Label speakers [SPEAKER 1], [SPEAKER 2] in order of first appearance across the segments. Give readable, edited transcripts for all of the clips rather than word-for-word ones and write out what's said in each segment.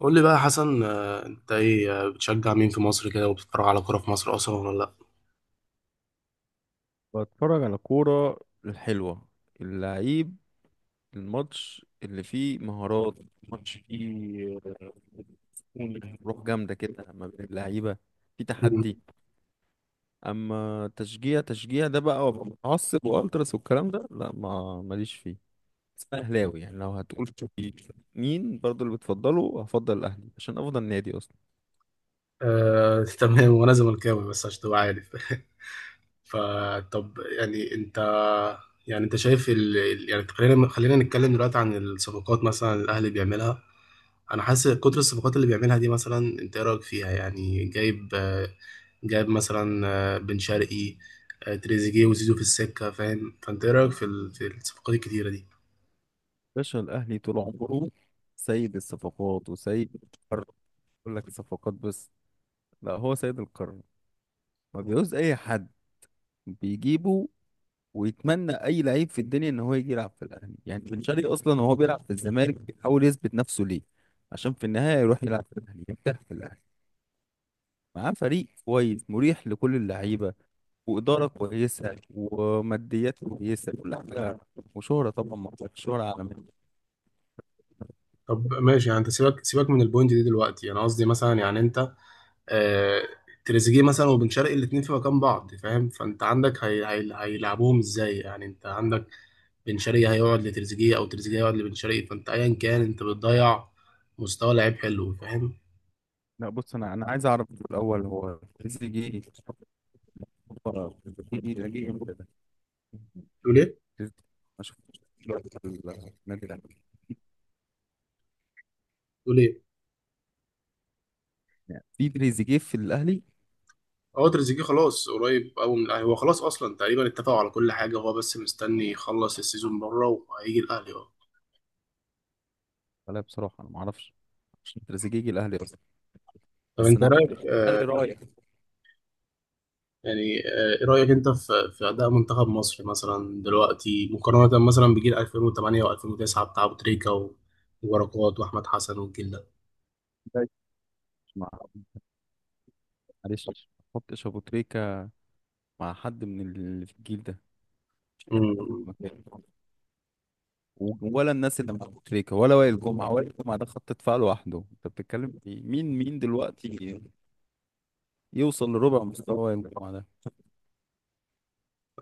[SPEAKER 1] قول لي بقى يا حسن، انت ايه؟ بتشجع مين في مصر كده وبتتفرج على كوره في مصر اصلا ولا لا؟
[SPEAKER 2] بتفرج على كورة الحلوة، اللعيب، الماتش اللي فيه مهارات، ماتش فيه روح جامدة كده ما بين اللعيبة، في تحدي.
[SPEAKER 1] مم.
[SPEAKER 2] أما تشجيع تشجيع ده بقى وأبقى متعصب وألتراس والكلام ده، لا ما ماليش فيه. بس أنا أهلاوي، يعني لو هتقول في مين برضو اللي بتفضله، هفضل الأهلي عشان أفضل نادي أصلا.
[SPEAKER 1] آه، تمام، وانا زملكاوي بس عشان تبقى عارف. فطب يعني انت، يعني انت شايف يعني خلينا نتكلم دلوقتي عن الصفقات، مثلا الاهلي بيعملها. انا حاسس كتر الصفقات اللي بيعملها دي، مثلا انت ايه رايك فيها؟ يعني جايب مثلا بن شرقي، تريزيجيه وزيزو في السكه، فاهم؟ فانت ايه رايك في في الصفقات الكتيره دي؟
[SPEAKER 2] باشا الأهلي طول عمره سيد الصفقات وسيد القرار. يقول لك الصفقات بس؟ لا، هو سيد القرار. ما بيعوز اي حد بيجيبه، ويتمنى اي لعيب في الدنيا ان هو يجي يلعب في الاهلي. يعني بن شرقي اصلا وهو بيلعب في الزمالك بيحاول يثبت نفسه ليه؟ عشان في النهايه يروح يلعب في الاهلي، يرتاح في الاهلي، معاه فريق كويس مريح لكل اللعيبه، واداره كويسه وماديات كويسه كل حاجه، وشهره طبعا ما قلتلكش، شهره عالميه.
[SPEAKER 1] طب ماشي، يعني انت سيبك من البوينت دي دلوقتي. انا قصدي مثلا، يعني انت، آه تريزيجيه مثلا وبن شرقي الاثنين في مكان بعض، فاهم؟ فانت عندك هيلعبوهم ازاي؟ يعني انت عندك بن شرقي هيقعد لتريزيجيه او تريزيجيه هيقعد لبن شرقي، فانت ايا كان انت بتضيع مستوى لعيب حلو، فاهم؟
[SPEAKER 2] لا بص، انا عايز اعرف في الاول هو تريزيجيه جه جه امتى ده؟
[SPEAKER 1] تقول ايه؟
[SPEAKER 2] تريزيجيه ما شفتش دلوقتي في النادي الاهلي.
[SPEAKER 1] تقول ايه؟
[SPEAKER 2] يعني في تريزيجيه في الاهلي؟
[SPEAKER 1] اه، تريزيجيه خلاص قريب قوي من الاهلي، هو خلاص اصلا تقريبا اتفقوا على كل حاجه، هو بس مستني يخلص السيزون بره وهيجي الاهلي، اه.
[SPEAKER 2] لا بصراحة أنا ما أعرفش عشان تريزيجيه الأهلي أصلا.
[SPEAKER 1] طب
[SPEAKER 2] بس
[SPEAKER 1] انت
[SPEAKER 2] أنا
[SPEAKER 1] رايك،
[SPEAKER 2] عارف فرق رأي.
[SPEAKER 1] يعني ايه رأيك انت في اداء منتخب مصر مثلا دلوقتي، مقارنة مثلا بجيل 2008 و2009 بتاع ابو تريكة وبركات واحمد حسن والجيل ده؟
[SPEAKER 2] معلش، مع معلش ما أحطش أبو تريكة مع حد من اللي في الجيل ده، مش أي حد من
[SPEAKER 1] امم.
[SPEAKER 2] المكان. ولا الناس اللي مع أبو تريكة، ولا وائل جمعة. وائل جمعة ده خط دفاع لوحده، أنت بتتكلم في مين دلوقتي يوصل لربع مستوى وائل جمعة ده؟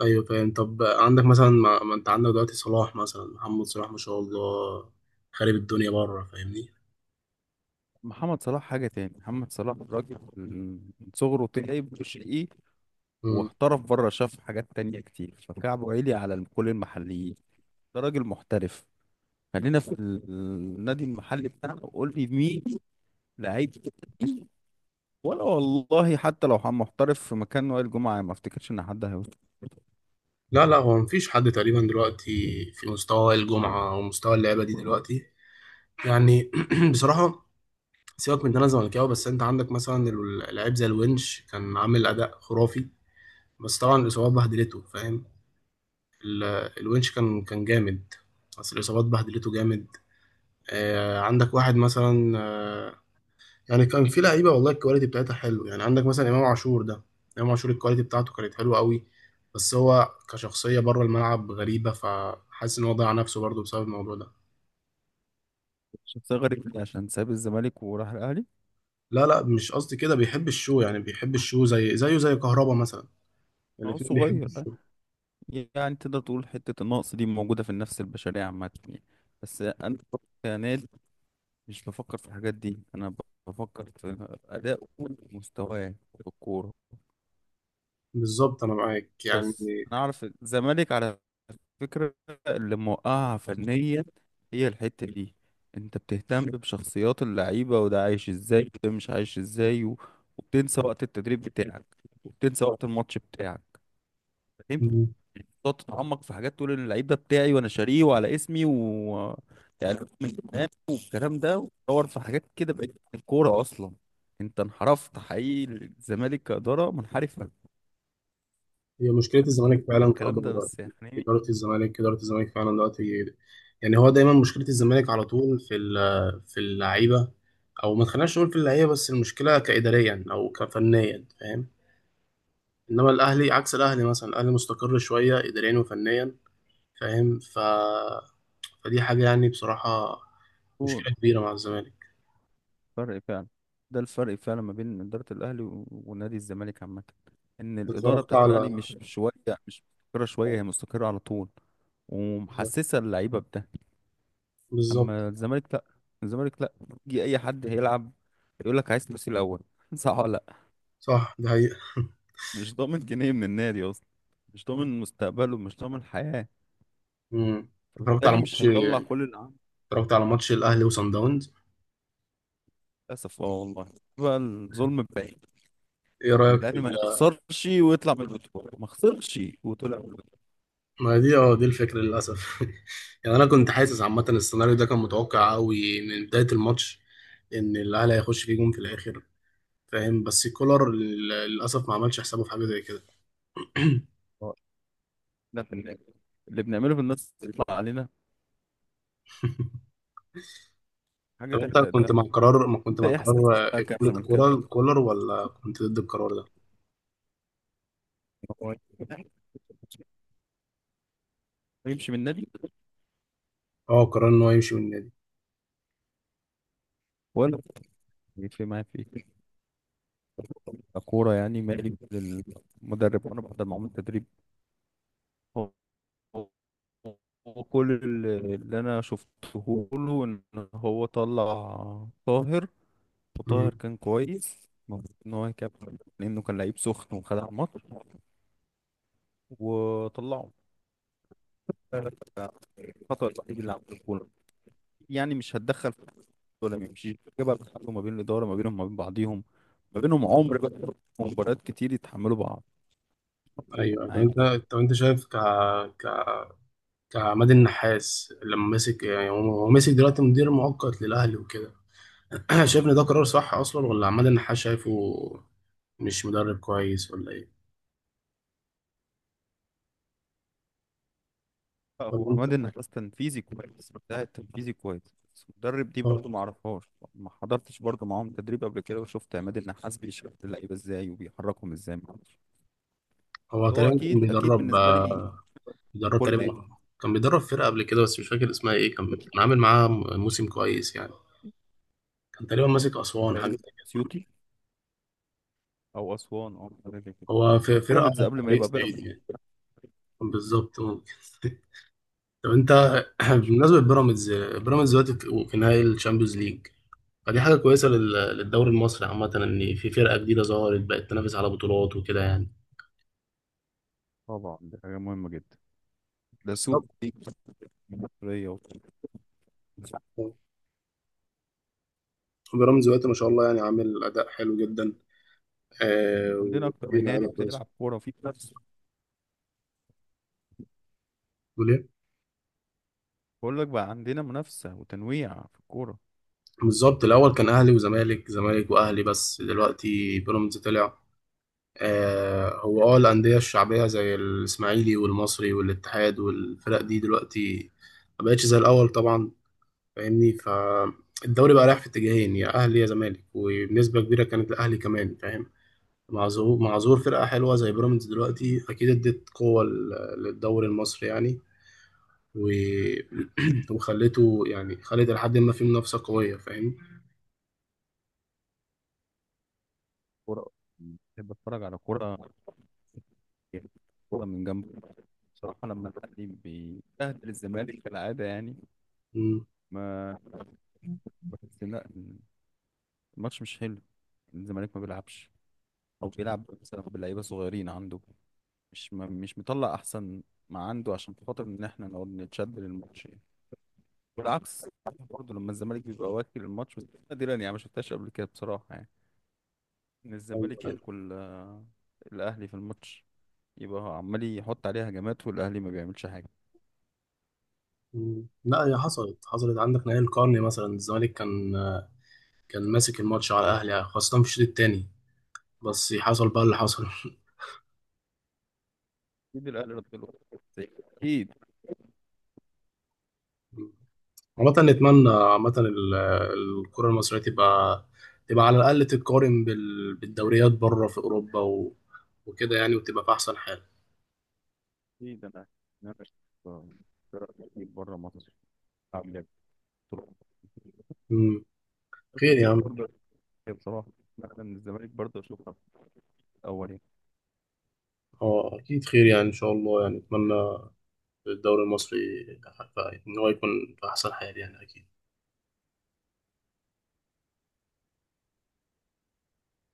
[SPEAKER 1] ايوه فاهم. طب عندك مثلا، ما انت عندك دلوقتي صلاح مثلا، محمد صلاح ما شاء الله خارب الدنيا بره، فاهمني؟
[SPEAKER 2] محمد صلاح حاجة تاني، محمد صلاح راجل من صغره تعب وشقي،
[SPEAKER 1] امم.
[SPEAKER 2] واحترف بره، شاف حاجات تانية كتير، فكعبه عالي على كل المحليين. ده راجل محترف. خلينا في النادي المحلي بتاعنا وقول لي مين لعيب، ولا والله حتى لو محترف في مكان وائل جمعة، ما افتكرش ان حد هيوصل.
[SPEAKER 1] لا لا، هو مفيش حد تقريبا دلوقتي في مستوى الجمعة ومستوى اللعبة دي دلوقتي يعني. بصراحة، سيبك من ان انا زملكاوي، بس انت عندك مثلا لعيب زي الونش كان عامل اداء خرافي. بس طبعا الإصابات بهدلته، فاهم؟ ال- الونش كان جامد، بس الإصابات بهدلته جامد. عندك واحد مثلا، يعني كان في لعيبة والله الكواليتي بتاعتها حلو. يعني عندك مثلا إمام عاشور ده، إمام عاشور الكواليتي بتاعته كانت حلوة قوي، بس هو كشخصية بره الملعب غريبة، فحاسس إن هو ضيع نفسه برضه بسبب الموضوع ده.
[SPEAKER 2] شخصية غريبة دي عشان ساب الزمالك وراح الاهلي.
[SPEAKER 1] لا لا، مش قصدي كده، بيحب الشو يعني، بيحب الشو زي كهربا مثلا.
[SPEAKER 2] هو
[SPEAKER 1] الاتنين بيحبوا
[SPEAKER 2] صغير أه.
[SPEAKER 1] الشو.
[SPEAKER 2] يعني تقدر تقول حتة النقص دي موجودة في النفس البشرية عامة يعني. بس انا كنادي مش بفكر في الحاجات دي، انا بفكر في اداء ومستواه في الكورة.
[SPEAKER 1] بالظبط، أنا معاك يعني.
[SPEAKER 2] بس انا اعرف الزمالك على فكرة اللي موقعها فنيا هي الحتة دي. انت بتهتم بشخصيات اللعيبة، وده عايش ازاي وده مش عايش ازاي، و... وبتنسى وقت التدريب بتاعك، وبتنسى وقت الماتش بتاعك. انت بتقعد تتعمق في حاجات، تقول ان اللعيب ده بتاعي وانا شاريه وعلى اسمي، و يعني من زمان والكلام ده، وتدور في حاجات كده. بقت الكورة اصلا انت انحرفت حقيقي، الزمالك كإدارة منحرفة.
[SPEAKER 1] هي مشكلة
[SPEAKER 2] معرفش إن أنا
[SPEAKER 1] الزمالك
[SPEAKER 2] أقول
[SPEAKER 1] فعلا
[SPEAKER 2] الكلام ده
[SPEAKER 1] كإدارة.
[SPEAKER 2] بس يعني
[SPEAKER 1] إدارة الزمالك فعلا دلوقتي، يعني هو دايما مشكلة الزمالك على طول في اللعيبة. أو ما تخليناش نقول في اللعيبة بس، المشكلة كإداريا أو كفنيا، فاهم؟ إنما الأهلي، عكس الأهلي، مثلا الأهلي مستقر شوية إداريا وفنيا، فاهم؟ فدي حاجة يعني، بصراحة، مشكلة كبيرة مع الزمالك.
[SPEAKER 2] فرق فعلا. ده الفرق فعلا ما بين إدارة الأهلي و- ونادي الزمالك عامة، إن الإدارة
[SPEAKER 1] اتفرجت
[SPEAKER 2] بتاعت
[SPEAKER 1] على
[SPEAKER 2] الأهلي مش شوية، مش مستقرة شوية، هي مستقرة على طول،
[SPEAKER 1] بالظبط.
[SPEAKER 2] ومحسسة اللعيبة بده.
[SPEAKER 1] بالظبط.
[SPEAKER 2] أما الزمالك لأ، الزمالك لأ. يجي أي حد هيلعب يقول لك عايز فلوسي الأول صح ولا لأ؟
[SPEAKER 1] صح، ده حقيقة.
[SPEAKER 2] مش ضامن جنيه من النادي أصلا، مش ضامن مستقبله، مش ضامن حياة،
[SPEAKER 1] مم. اتفرجت على
[SPEAKER 2] فبالتالي مش
[SPEAKER 1] ماتش
[SPEAKER 2] هيطلع كل اللي عنده.
[SPEAKER 1] اتفرجت على ماتش الأهلي وصن داونز.
[SPEAKER 2] للأسف اه والله، بقى الظلم الباقي
[SPEAKER 1] ايه
[SPEAKER 2] إن
[SPEAKER 1] رايك
[SPEAKER 2] الأهلي ما يخسرش ويطلع من البطولة، ما خسرش وطلع من
[SPEAKER 1] ما دي، اه، دي الفكره للاسف. يعني انا كنت حاسس عامه السيناريو ده كان متوقع قوي من بدايه الماتش، ان الاهلي هيخش فيه جون في الاخر، فاهم؟ بس كولر للاسف ما عملش حسابه في حاجه زي كده.
[SPEAKER 2] البطولة. لا، اللي بنعمله في النص يطلع علينا حاجة
[SPEAKER 1] طب انت
[SPEAKER 2] تحرق
[SPEAKER 1] كنت مع
[SPEAKER 2] الدم.
[SPEAKER 1] قرار ما كنت
[SPEAKER 2] انت
[SPEAKER 1] مع
[SPEAKER 2] ايه احساسك
[SPEAKER 1] قرار
[SPEAKER 2] بقى
[SPEAKER 1] اقاله
[SPEAKER 2] كزملكاوي
[SPEAKER 1] كولر ولا كنت ضد القرار ده؟
[SPEAKER 2] إن هو يمشي من النادي؟
[SPEAKER 1] اه، قرار ان هو يمشي من النادي.
[SPEAKER 2] ولا في ما في كورة يعني؟ مالي للمدرب، وانا بحضر معاهم التدريب. هو هو كل اللي انا شفته له ان هو طلع طاهر،
[SPEAKER 1] مم.
[SPEAKER 2] وطاهر كان كويس. المفروض ان هو يكمل، لانه كان لعيب سخن وخدع الماتش وطلعه. الخطأ الوحيد اللي عمله الكورة، يعني مش هتدخل ولا ما يمشيش كده بقى، بيتحاربوا ما بين الاداره، ما بينهم، ما بين بعضيهم، ما بينهم عمر بقى ومباريات كتير يتحملوا بعض.
[SPEAKER 1] ايوه. طب
[SPEAKER 2] معاك.
[SPEAKER 1] انت، شايف ك ك كعماد النحاس لما مسك، يعني هو مسك دلوقتي مدير مؤقت للاهلي وكده. شايف ان ده قرار صح اصلا، ولا عماد النحاس شايفه مش مدرب كويس ولا ايه؟ ولا
[SPEAKER 2] هو
[SPEAKER 1] انت.
[SPEAKER 2] عماد النحاس تنفيذي كويس، ده تنفيذي كويس، بس مدرب دي
[SPEAKER 1] هو
[SPEAKER 2] برضه ما اعرفهاش. ما حضرتش برضه معاهم تدريب قبل كده وشفت عماد النحاس بيشرح اللعيبه ازاي وبيحركهم ازاي، ما أعرفش.
[SPEAKER 1] هو
[SPEAKER 2] بس هو
[SPEAKER 1] تقريبا كان
[SPEAKER 2] اكيد اكيد
[SPEAKER 1] بيدرب،
[SPEAKER 2] بالنسبه لي
[SPEAKER 1] بيدرب
[SPEAKER 2] كل يعني.
[SPEAKER 1] تقريبا، كان بيدرب فرقة قبل كده، بس مش فاكر اسمها ايه، كان عامل معاها موسم كويس يعني. كان تقريبا ماسك أسوان حاجة
[SPEAKER 2] تقريبا
[SPEAKER 1] زي كده.
[SPEAKER 2] اسيوطي او اسوان او حاجه زي كده،
[SPEAKER 1] هو في فرقة
[SPEAKER 2] بيراميدز
[SPEAKER 1] آه،
[SPEAKER 2] قبل ما
[SPEAKER 1] فريق
[SPEAKER 2] يبقى
[SPEAKER 1] صعيدي
[SPEAKER 2] بيراميدز.
[SPEAKER 1] يعني. بالظبط، ممكن. طب انت،
[SPEAKER 2] مش فاهم.
[SPEAKER 1] بالنسبة لبيراميدز، بيراميدز دلوقتي في نهائي الشامبيونز ليج. فدي حاجة كويسة للدوري المصري عامة، ان في فرقة جديدة ظهرت، بقت تنافس على بطولات وكده يعني.
[SPEAKER 2] طبعا دي حاجه مهمه جدا، ده سوق دي مصريه.
[SPEAKER 1] بيراميدز دلوقتي ما شاء الله، يعني عامل اداء حلو جدا،
[SPEAKER 2] عندنا اكتر
[SPEAKER 1] وفي
[SPEAKER 2] من نادي
[SPEAKER 1] لعيبه كويسه.
[SPEAKER 2] بتلعب كوره في منافسه.
[SPEAKER 1] بتقول ايه؟
[SPEAKER 2] بقول لك بقى عندنا منافسه وتنويع في الكوره.
[SPEAKER 1] بالظبط. الاول كان اهلي وزمالك، زمالك واهلي، بس دلوقتي بيراميدز طلع. هو الانديه الشعبيه زي الاسماعيلي والمصري والاتحاد والفرق دي دلوقتي ما بقتش زي الاول طبعا، فاهمني؟ فالدوري بقى رايح في اتجاهين: يا اهلي يا زمالك، وبنسبه كبيره كانت الاهلي كمان، فاهم؟ مع ظهور فرقه حلوه زي بيراميدز دلوقتي، اكيد ادت قوه للدوري المصري يعني، و... وخليته يعني خلت لحد ما في منافسة قوية، فاهم؟
[SPEAKER 2] كوره، بحب اتفرج على كوره، كوره من جنب، بصراحه. لما الاهلي بيبهدل الزمالك كالعاده يعني،
[SPEAKER 1] مم.
[SPEAKER 2] ما بحس إن لا، الماتش مش حلو، الزمالك ما بيلعبش، او بيلعب مثلا بلعيبه صغيرين عنده، مش مطلع احسن ما عنده، عشان خاطر ان احنا نقعد نتشد للماتش يعني. والعكس برضه لما الزمالك بيبقى واكل الماتش، بس نادرا، يعني ما شفتهاش قبل كده بصراحه، يعني ان
[SPEAKER 1] أيوه،
[SPEAKER 2] الزمالك
[SPEAKER 1] أيوه.
[SPEAKER 2] ياكل الاهلي في الماتش، يبقى هو عمال يحط عليها هجمات والاهلي ما بيعملش حاجه.
[SPEAKER 1] مم. لا، هي حصلت، عندك نهائي القرن مثلا، الزمالك كان ماسك الماتش على الأهلي، خاصة في الشوط التاني، بس حصل بقى اللي حصل.
[SPEAKER 2] اكيد الاهلي رد له، زي- اكيد.
[SPEAKER 1] مم. عامة نتمنى عامة الكرة المصرية تبقى، تبقى على الأقل تتقارن بالدوريات بره في أوروبا وكده يعني، وتبقى في أحسن حال.
[SPEAKER 2] اكيد. انا بره مصر عامل ايه بصراحه؟
[SPEAKER 1] مم. خير يا عم.
[SPEAKER 2] بصراحة. بصراحة. بصراحه انا من الزمالك برضه اشوفها الاول يعني.
[SPEAKER 1] اه أكيد خير، يعني إن شاء الله، يعني أتمنى الدوري المصري ف- ان هو يكون في احسن حال يعني اكيد.